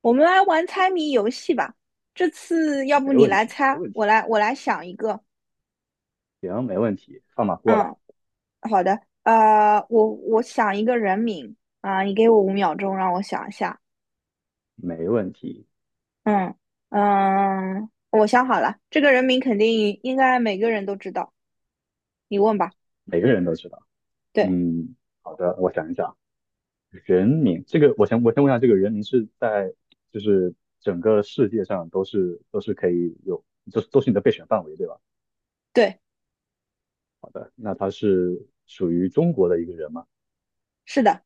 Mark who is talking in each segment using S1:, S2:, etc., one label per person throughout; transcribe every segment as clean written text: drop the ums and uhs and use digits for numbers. S1: 我们来玩猜谜游戏吧。这次要不
S2: 没
S1: 你
S2: 问
S1: 来
S2: 题，没
S1: 猜，
S2: 问题，
S1: 我来想一个。
S2: 行，没问题，放马过来，
S1: 嗯，好的。我想一个人名啊，你给我5秒钟，让我想一下。
S2: 没问题，
S1: 嗯嗯，我想好了，这个人名肯定应该每个人都知道。你问吧。
S2: 每个人都知道。
S1: 对
S2: 嗯，好的，我想一想，人名这个，我先问一下，这个人名是在就是整个世界上都是可以有，都是你的备选范围，对吧？
S1: 对，
S2: 好的，那他是属于中国的一个人吗？
S1: 是的，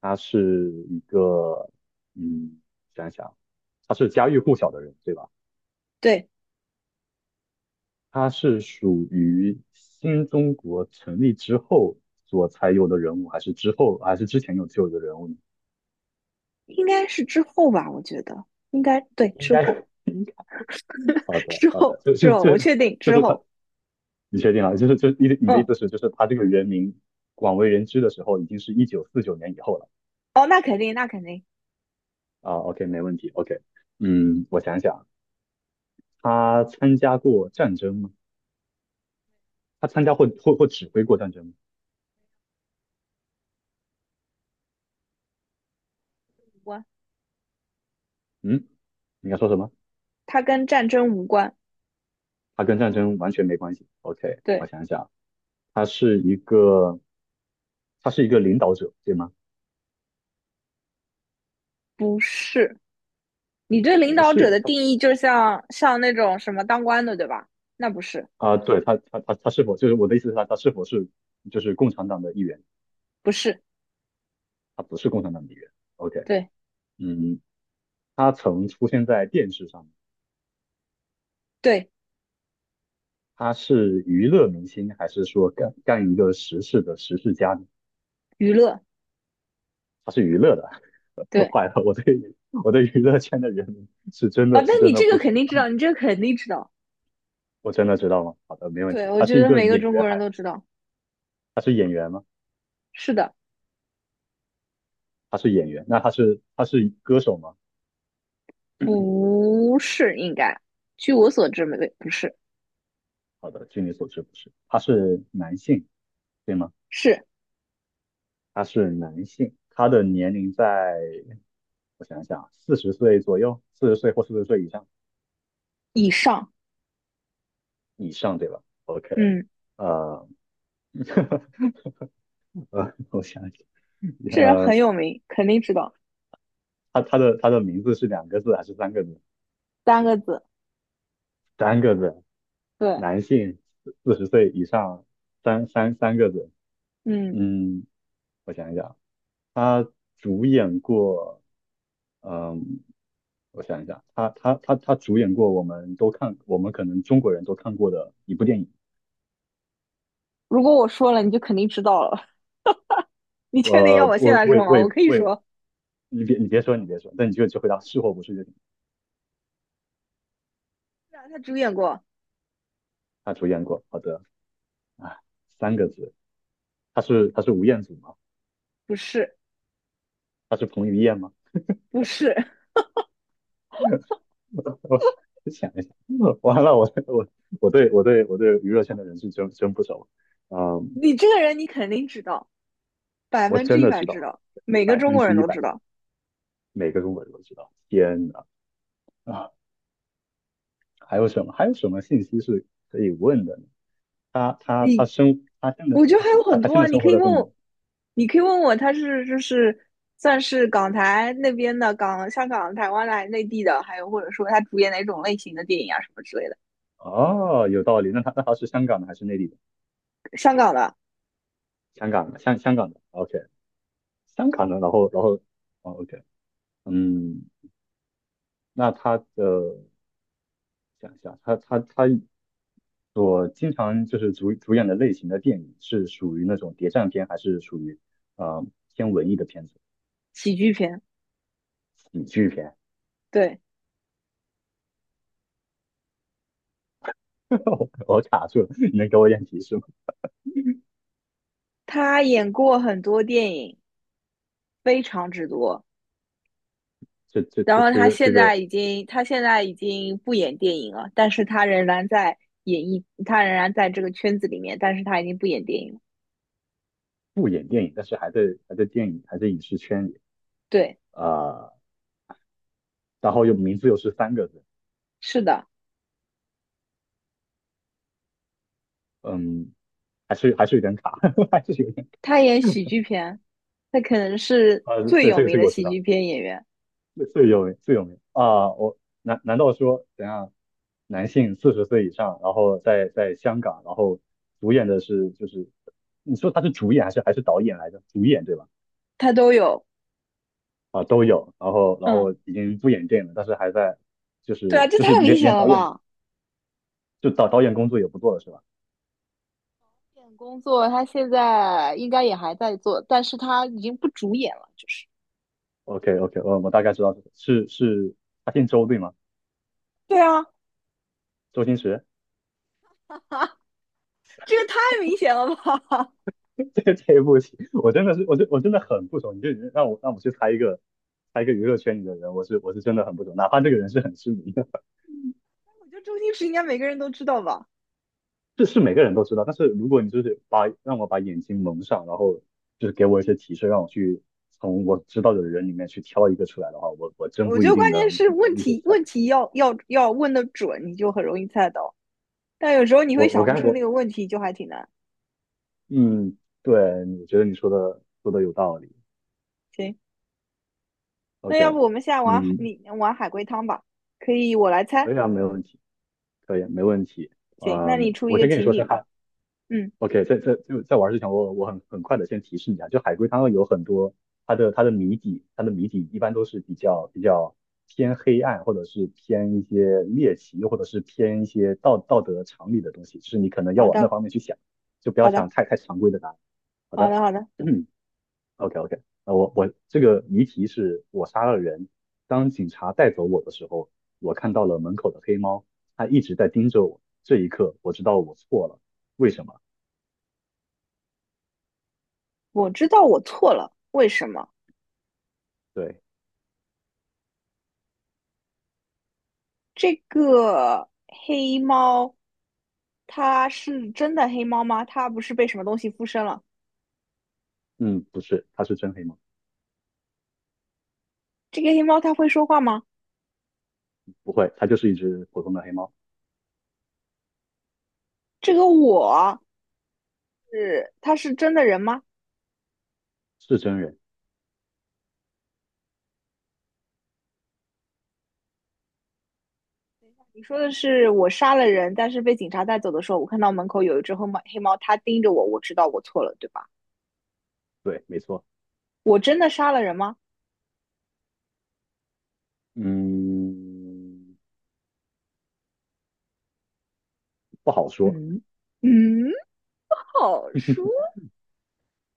S2: 他是一个，嗯，想一想，他是家喻户晓的人，对吧？
S1: 对，
S2: 他是属于新中国成立之后所才有的人物，还是之后，还是之前有就有的人物呢？
S1: 应该是之后吧，我觉得应该对
S2: 应
S1: 之
S2: 该
S1: 后
S2: 好 的，
S1: 之
S2: 好的，
S1: 后
S2: 就
S1: 之
S2: 是
S1: 后，我
S2: 这，
S1: 确定
S2: 就
S1: 之
S2: 是他，
S1: 后。
S2: 你确定了？就是就你的你的意
S1: 嗯，
S2: 思是，就是他这个人名广为人知的时候，已经是1949年以后了
S1: 哦，那肯定，那肯定
S2: 啊？OK，没问题。OK，嗯，我想想，他参加过战争吗？他参加或指挥过战争吗？
S1: 无关，
S2: 嗯，你要说什么？
S1: 它跟战争无关。
S2: 他跟战争完全没关系。OK，我
S1: 对。
S2: 想想，他是一个。他是一个领导者，对吗？
S1: 不是，你对领
S2: 不
S1: 导者
S2: 是，
S1: 的
S2: 他
S1: 定义就像那种什么当官的，对吧？那不是，
S2: 啊，对他是否就是我的意思是他是否是就是共产党的一员？
S1: 不是，
S2: 他不是共产党的一员。OK，
S1: 对
S2: 嗯，他曾出现在电视上，
S1: 对，
S2: 他是娱乐明星还是说干一个实事的实事家呢？
S1: 娱乐，
S2: 他是娱乐的。
S1: 对
S2: 坏了，我对娱乐圈的人是真
S1: 啊，
S2: 的是
S1: 但
S2: 真
S1: 你
S2: 的
S1: 这个
S2: 不
S1: 肯
S2: 熟，
S1: 定知道，你这个肯定知道。
S2: 我真的知道吗？好的，没问
S1: 对，
S2: 题。
S1: 我
S2: 他
S1: 觉
S2: 是一
S1: 得
S2: 个
S1: 每个
S2: 演
S1: 中国
S2: 员，还
S1: 人都知道。
S2: 他是演员吗？
S1: 是的，
S2: 他是演员，那他是歌手吗？
S1: 不是应该，据我所知，没不是，
S2: 好的，据你所知不是，他是男性，对吗？
S1: 是
S2: 他是男性，他的年龄在，我想想，四十岁左右，四十岁或四十岁以上，
S1: 以上。
S2: 以上对吧？OK，
S1: 嗯，
S2: 呃，我想想，
S1: 这人
S2: 呃，
S1: 很有名，肯定知道。
S2: 他他的名字是2个字还是三个字？
S1: 三个字，
S2: 三个字，
S1: 对，
S2: 男性，四十岁以上，三个字。
S1: 嗯，
S2: 嗯，我想一想，他主演过，嗯、我想一下，他主演过我们都看，我们可能中国人都看过的一部电影。
S1: 如果我说了，你就肯定知道了。你确定要我现
S2: 我
S1: 在
S2: 我
S1: 说吗？
S2: 我
S1: 我可以
S2: 我，
S1: 说，
S2: 你别说，那你就只回答是或不是就行。
S1: 是啊他主演过，
S2: 他主演过，好的，啊，三个字，他是吴彦祖吗？
S1: 不是，
S2: 他是彭于晏吗？
S1: 不是。
S2: 我想一想，完了，我对我对娱乐圈的人是真不熟，嗯，
S1: 你这个人你肯定知道，百
S2: 我
S1: 分之
S2: 真
S1: 一
S2: 的
S1: 百
S2: 知
S1: 知
S2: 道
S1: 道，每个
S2: 百
S1: 中
S2: 分
S1: 国
S2: 之
S1: 人
S2: 一
S1: 都知
S2: 百，
S1: 道。
S2: 每个中国人都知道。天呐，啊，还有什么信息是可以问的呢？他他他
S1: 你
S2: 生他现在
S1: 我觉得还有
S2: 他
S1: 很
S2: 他
S1: 多
S2: 现在
S1: 啊，你
S2: 生
S1: 可
S2: 活
S1: 以
S2: 在
S1: 问
S2: 中国。
S1: 我，你可以问我，他是就是算是港台那边的港，香港、台湾来内地的，还有或者说他主演哪种类型的电影啊什么之类的。
S2: 哦，有道理。那他是香港的还是内地的？
S1: 香港的
S2: 香港的，香港的。OK，香港的。然后哦，OK，嗯，那他的想一下，他所经常就是主演的类型的电影是属于那种谍战片，还是属于呃偏文艺的片子？
S1: 喜剧片，
S2: 喜剧片？
S1: 对，
S2: 我卡住了，你能给我一点提示吗？
S1: 他演过很多电影，非常之多。
S2: 这这
S1: 然
S2: 这
S1: 后
S2: 这
S1: 他
S2: 个这
S1: 现在
S2: 个
S1: 已经，他现在已经不演电影了，但是他仍然在演艺，他仍然在这个圈子里面，但是他已经不演电影了。
S2: 不演电影，但是还在影视圈里
S1: 对，
S2: 啊。然后又名字又是三个字，
S1: 是的，
S2: 嗯，还是有点卡，还是有点
S1: 他演喜剧片，他可能是
S2: 卡
S1: 最
S2: 对，
S1: 有
S2: 这个
S1: 名
S2: 这个
S1: 的
S2: 我知
S1: 喜
S2: 道，
S1: 剧片演员，
S2: 最有名啊，我难道说等下男性四十岁以上，然后在香港，然后主演的是就是你说他是主演还是导演来着？主演对吧？
S1: 他都有。
S2: 啊，都有，然后然
S1: 嗯，
S2: 后已经不演电影了，但是还在就
S1: 对啊，
S2: 是
S1: 这
S2: 就是
S1: 太明
S2: 连
S1: 显
S2: 连
S1: 了
S2: 导演
S1: 吧？
S2: 就导演工作也不做了是吧
S1: 这点工作他现在应该也还在做，但是他已经不主演了，就是。
S2: ？OK OK，我大概知道是是是他姓周对吗？
S1: 对啊，
S2: 周星驰。
S1: 这个太明显了吧？
S2: 这不行，我真的是，我真的很不熟。你就让我去猜一个，猜一个娱乐圈里的人，我是真的很不熟。哪怕这个人是很知名的，
S1: 我觉得周星驰应该每个人都知道吧。
S2: 这是每个人都知道。但是如果你就是让我把眼睛蒙上，然后就是给我一些提示，让我去从我知道的人里面去挑一个出来的话，我真
S1: 我
S2: 不
S1: 觉
S2: 一
S1: 得
S2: 定
S1: 关键
S2: 能
S1: 是问
S2: 能立刻
S1: 题
S2: 猜。
S1: 问题要问的准，你就很容易猜到。但有时候你会
S2: 我我
S1: 想不
S2: 刚才
S1: 出
S2: 我
S1: 那个问题，就还挺难。
S2: 嗯，对，我觉得你说的有道理。
S1: 行，那
S2: OK，
S1: 要不我们现在玩
S2: 嗯，
S1: 你玩海龟汤吧？可以，我来猜。
S2: 可以啊，没问题，可以，没问题。
S1: 行，那你
S2: 嗯，
S1: 出一
S2: 我
S1: 个
S2: 先跟你
S1: 情
S2: 说
S1: 景
S2: 声
S1: 吧。
S2: 嗨。
S1: 嗯，
S2: OK，在玩之前，我很快的先提示你啊，就海龟汤有很多它的谜底，它的谜底一般都是比较偏黑暗，或者是偏一些猎奇，或者是偏一些道德常理的东西，就是你可能要
S1: 好
S2: 往那
S1: 的，
S2: 方面去想，就不要
S1: 好的，
S2: 想太常规的答案。好
S1: 好
S2: 的
S1: 的，好的。
S2: ，OK OK，那我这个谜题是我杀了人，当警察带走我的时候，我看到了门口的黑猫，它一直在盯着我，这一刻我知道我错了，为什么？
S1: 我知道我错了，为什么？
S2: 对。
S1: 这个黑猫，它是真的黑猫吗？它不是被什么东西附身了？
S2: 嗯，不是，它是真黑猫，
S1: 这个黑猫它会说话吗？
S2: 不会，它就是一只普通的黑猫，
S1: 这个我是，它是真的人吗？
S2: 是真人，
S1: 你说的是我杀了人，但是被警察带走的时候，我看到门口有一只黑猫，黑猫它盯着我，我知道我错了，对吧？
S2: 对，没错，
S1: 我真的杀了人吗？
S2: 嗯，不好说，
S1: 嗯嗯，好
S2: 是
S1: 说。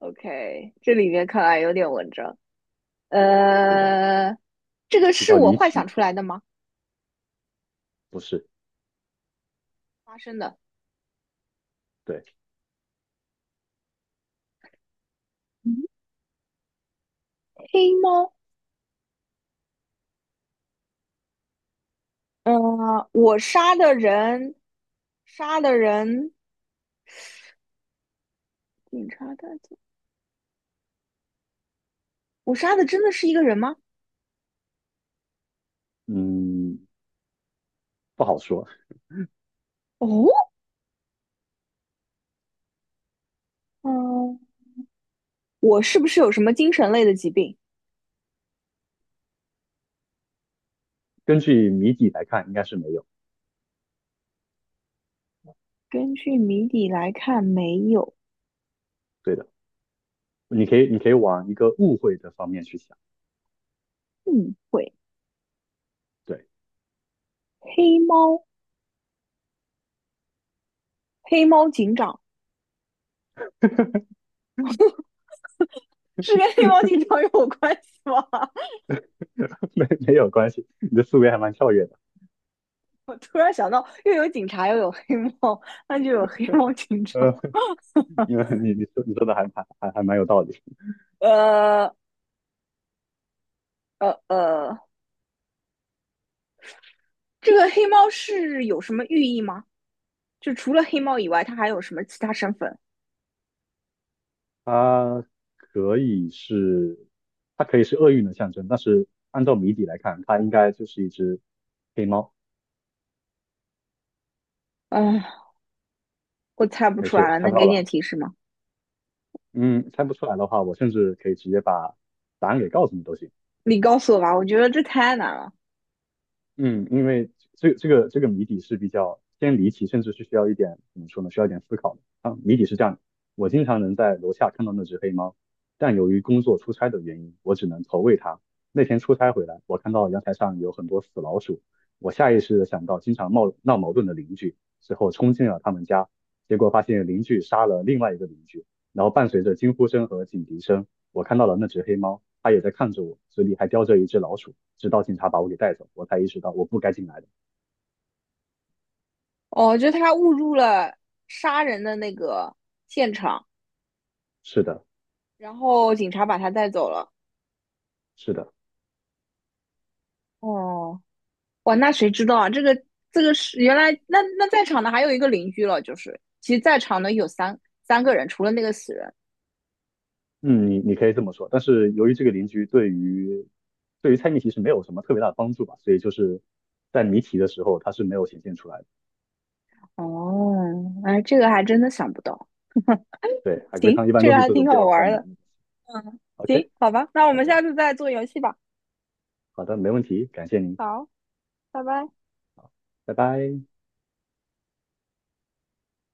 S1: OK,这里面看来有点文章。
S2: 的，
S1: 呃，这个
S2: 比
S1: 是
S2: 较
S1: 我
S2: 离
S1: 幻想
S2: 奇，
S1: 出来的吗？
S2: 不是，
S1: 发生的。
S2: 对，
S1: 嗯黑猫，呃，我杀的人，杀的人，警察带走。我杀的真的是一个人吗？
S2: 嗯，不好说，
S1: 哦，嗯、我是不是有什么精神类的疾病？
S2: 根据谜底来看，应该是没有，
S1: 根据谜底来看，没有
S2: 对的，你可以往一个误会的方面去想，
S1: 误会。
S2: 对，
S1: 黑猫，黑猫警长 是跟黑猫警长有关系吗？
S2: 没有关系，你的思维还蛮跳跃的，
S1: 我突然想到，又有警察，又有黑猫，那就有黑猫警长。
S2: 呃，因为你说的还蛮有道理。
S1: 呃呃呃，这个黑猫是有什么寓意吗？就除了黑猫以外，它还有什么其他身份？
S2: 它可以是，它可以是厄运的象征，但是按照谜底来看，它应该就是一只黑猫。
S1: 嗯，我猜不
S2: 没
S1: 出来
S2: 事，
S1: 了，
S2: 猜
S1: 能
S2: 不到
S1: 给
S2: 的
S1: 点
S2: 话
S1: 提示吗？
S2: 嗯，猜不出来的话，我甚至可以直接把答案给告诉你都行。
S1: 你告诉我吧，我觉得这太难了。
S2: 嗯，因为这个谜底是比较偏离奇，甚至是需要一点怎么说呢？需要一点思考的啊。谜底是这样的：我经常能在楼下看到那只黑猫，但由于工作出差的原因，我只能投喂它。那天出差回来，我看到阳台上有很多死老鼠，我下意识的想到经常闹闹矛盾的邻居，之后冲进了他们家，结果发现邻居杀了另外一个邻居，然后伴随着惊呼声和警笛声。我看到了那只黑猫，它也在看着我，嘴里还叼着一只老鼠。直到警察把我给带走，我才意识到我不该进来的。
S1: 哦，就他误入了杀人的那个现场。
S2: 是的，
S1: 然后警察把他带走了。
S2: 是的，
S1: 哦，哇，那谁知道啊？这个这个是原来那在场的还有一个邻居了，就是其实在场的有三个人，除了那个死人。
S2: 嗯，你可以这么说。但是由于这个邻居对于猜谜题是没有什么特别大的帮助吧，所以就是在谜题的时候它是没有显现出来的。
S1: 哦，哎，这个还真的想不到。
S2: 对，海龟
S1: 行，
S2: 汤一般
S1: 这
S2: 都
S1: 个
S2: 是
S1: 还
S2: 这种
S1: 挺
S2: 比
S1: 好
S2: 较比较
S1: 玩
S2: 难
S1: 的。
S2: 的。OK，
S1: 行，好吧，那我
S2: 好
S1: 们
S2: 的，
S1: 下次再做游戏吧。
S2: 好的，没问题，感谢您，
S1: 好，拜拜。
S2: 拜拜。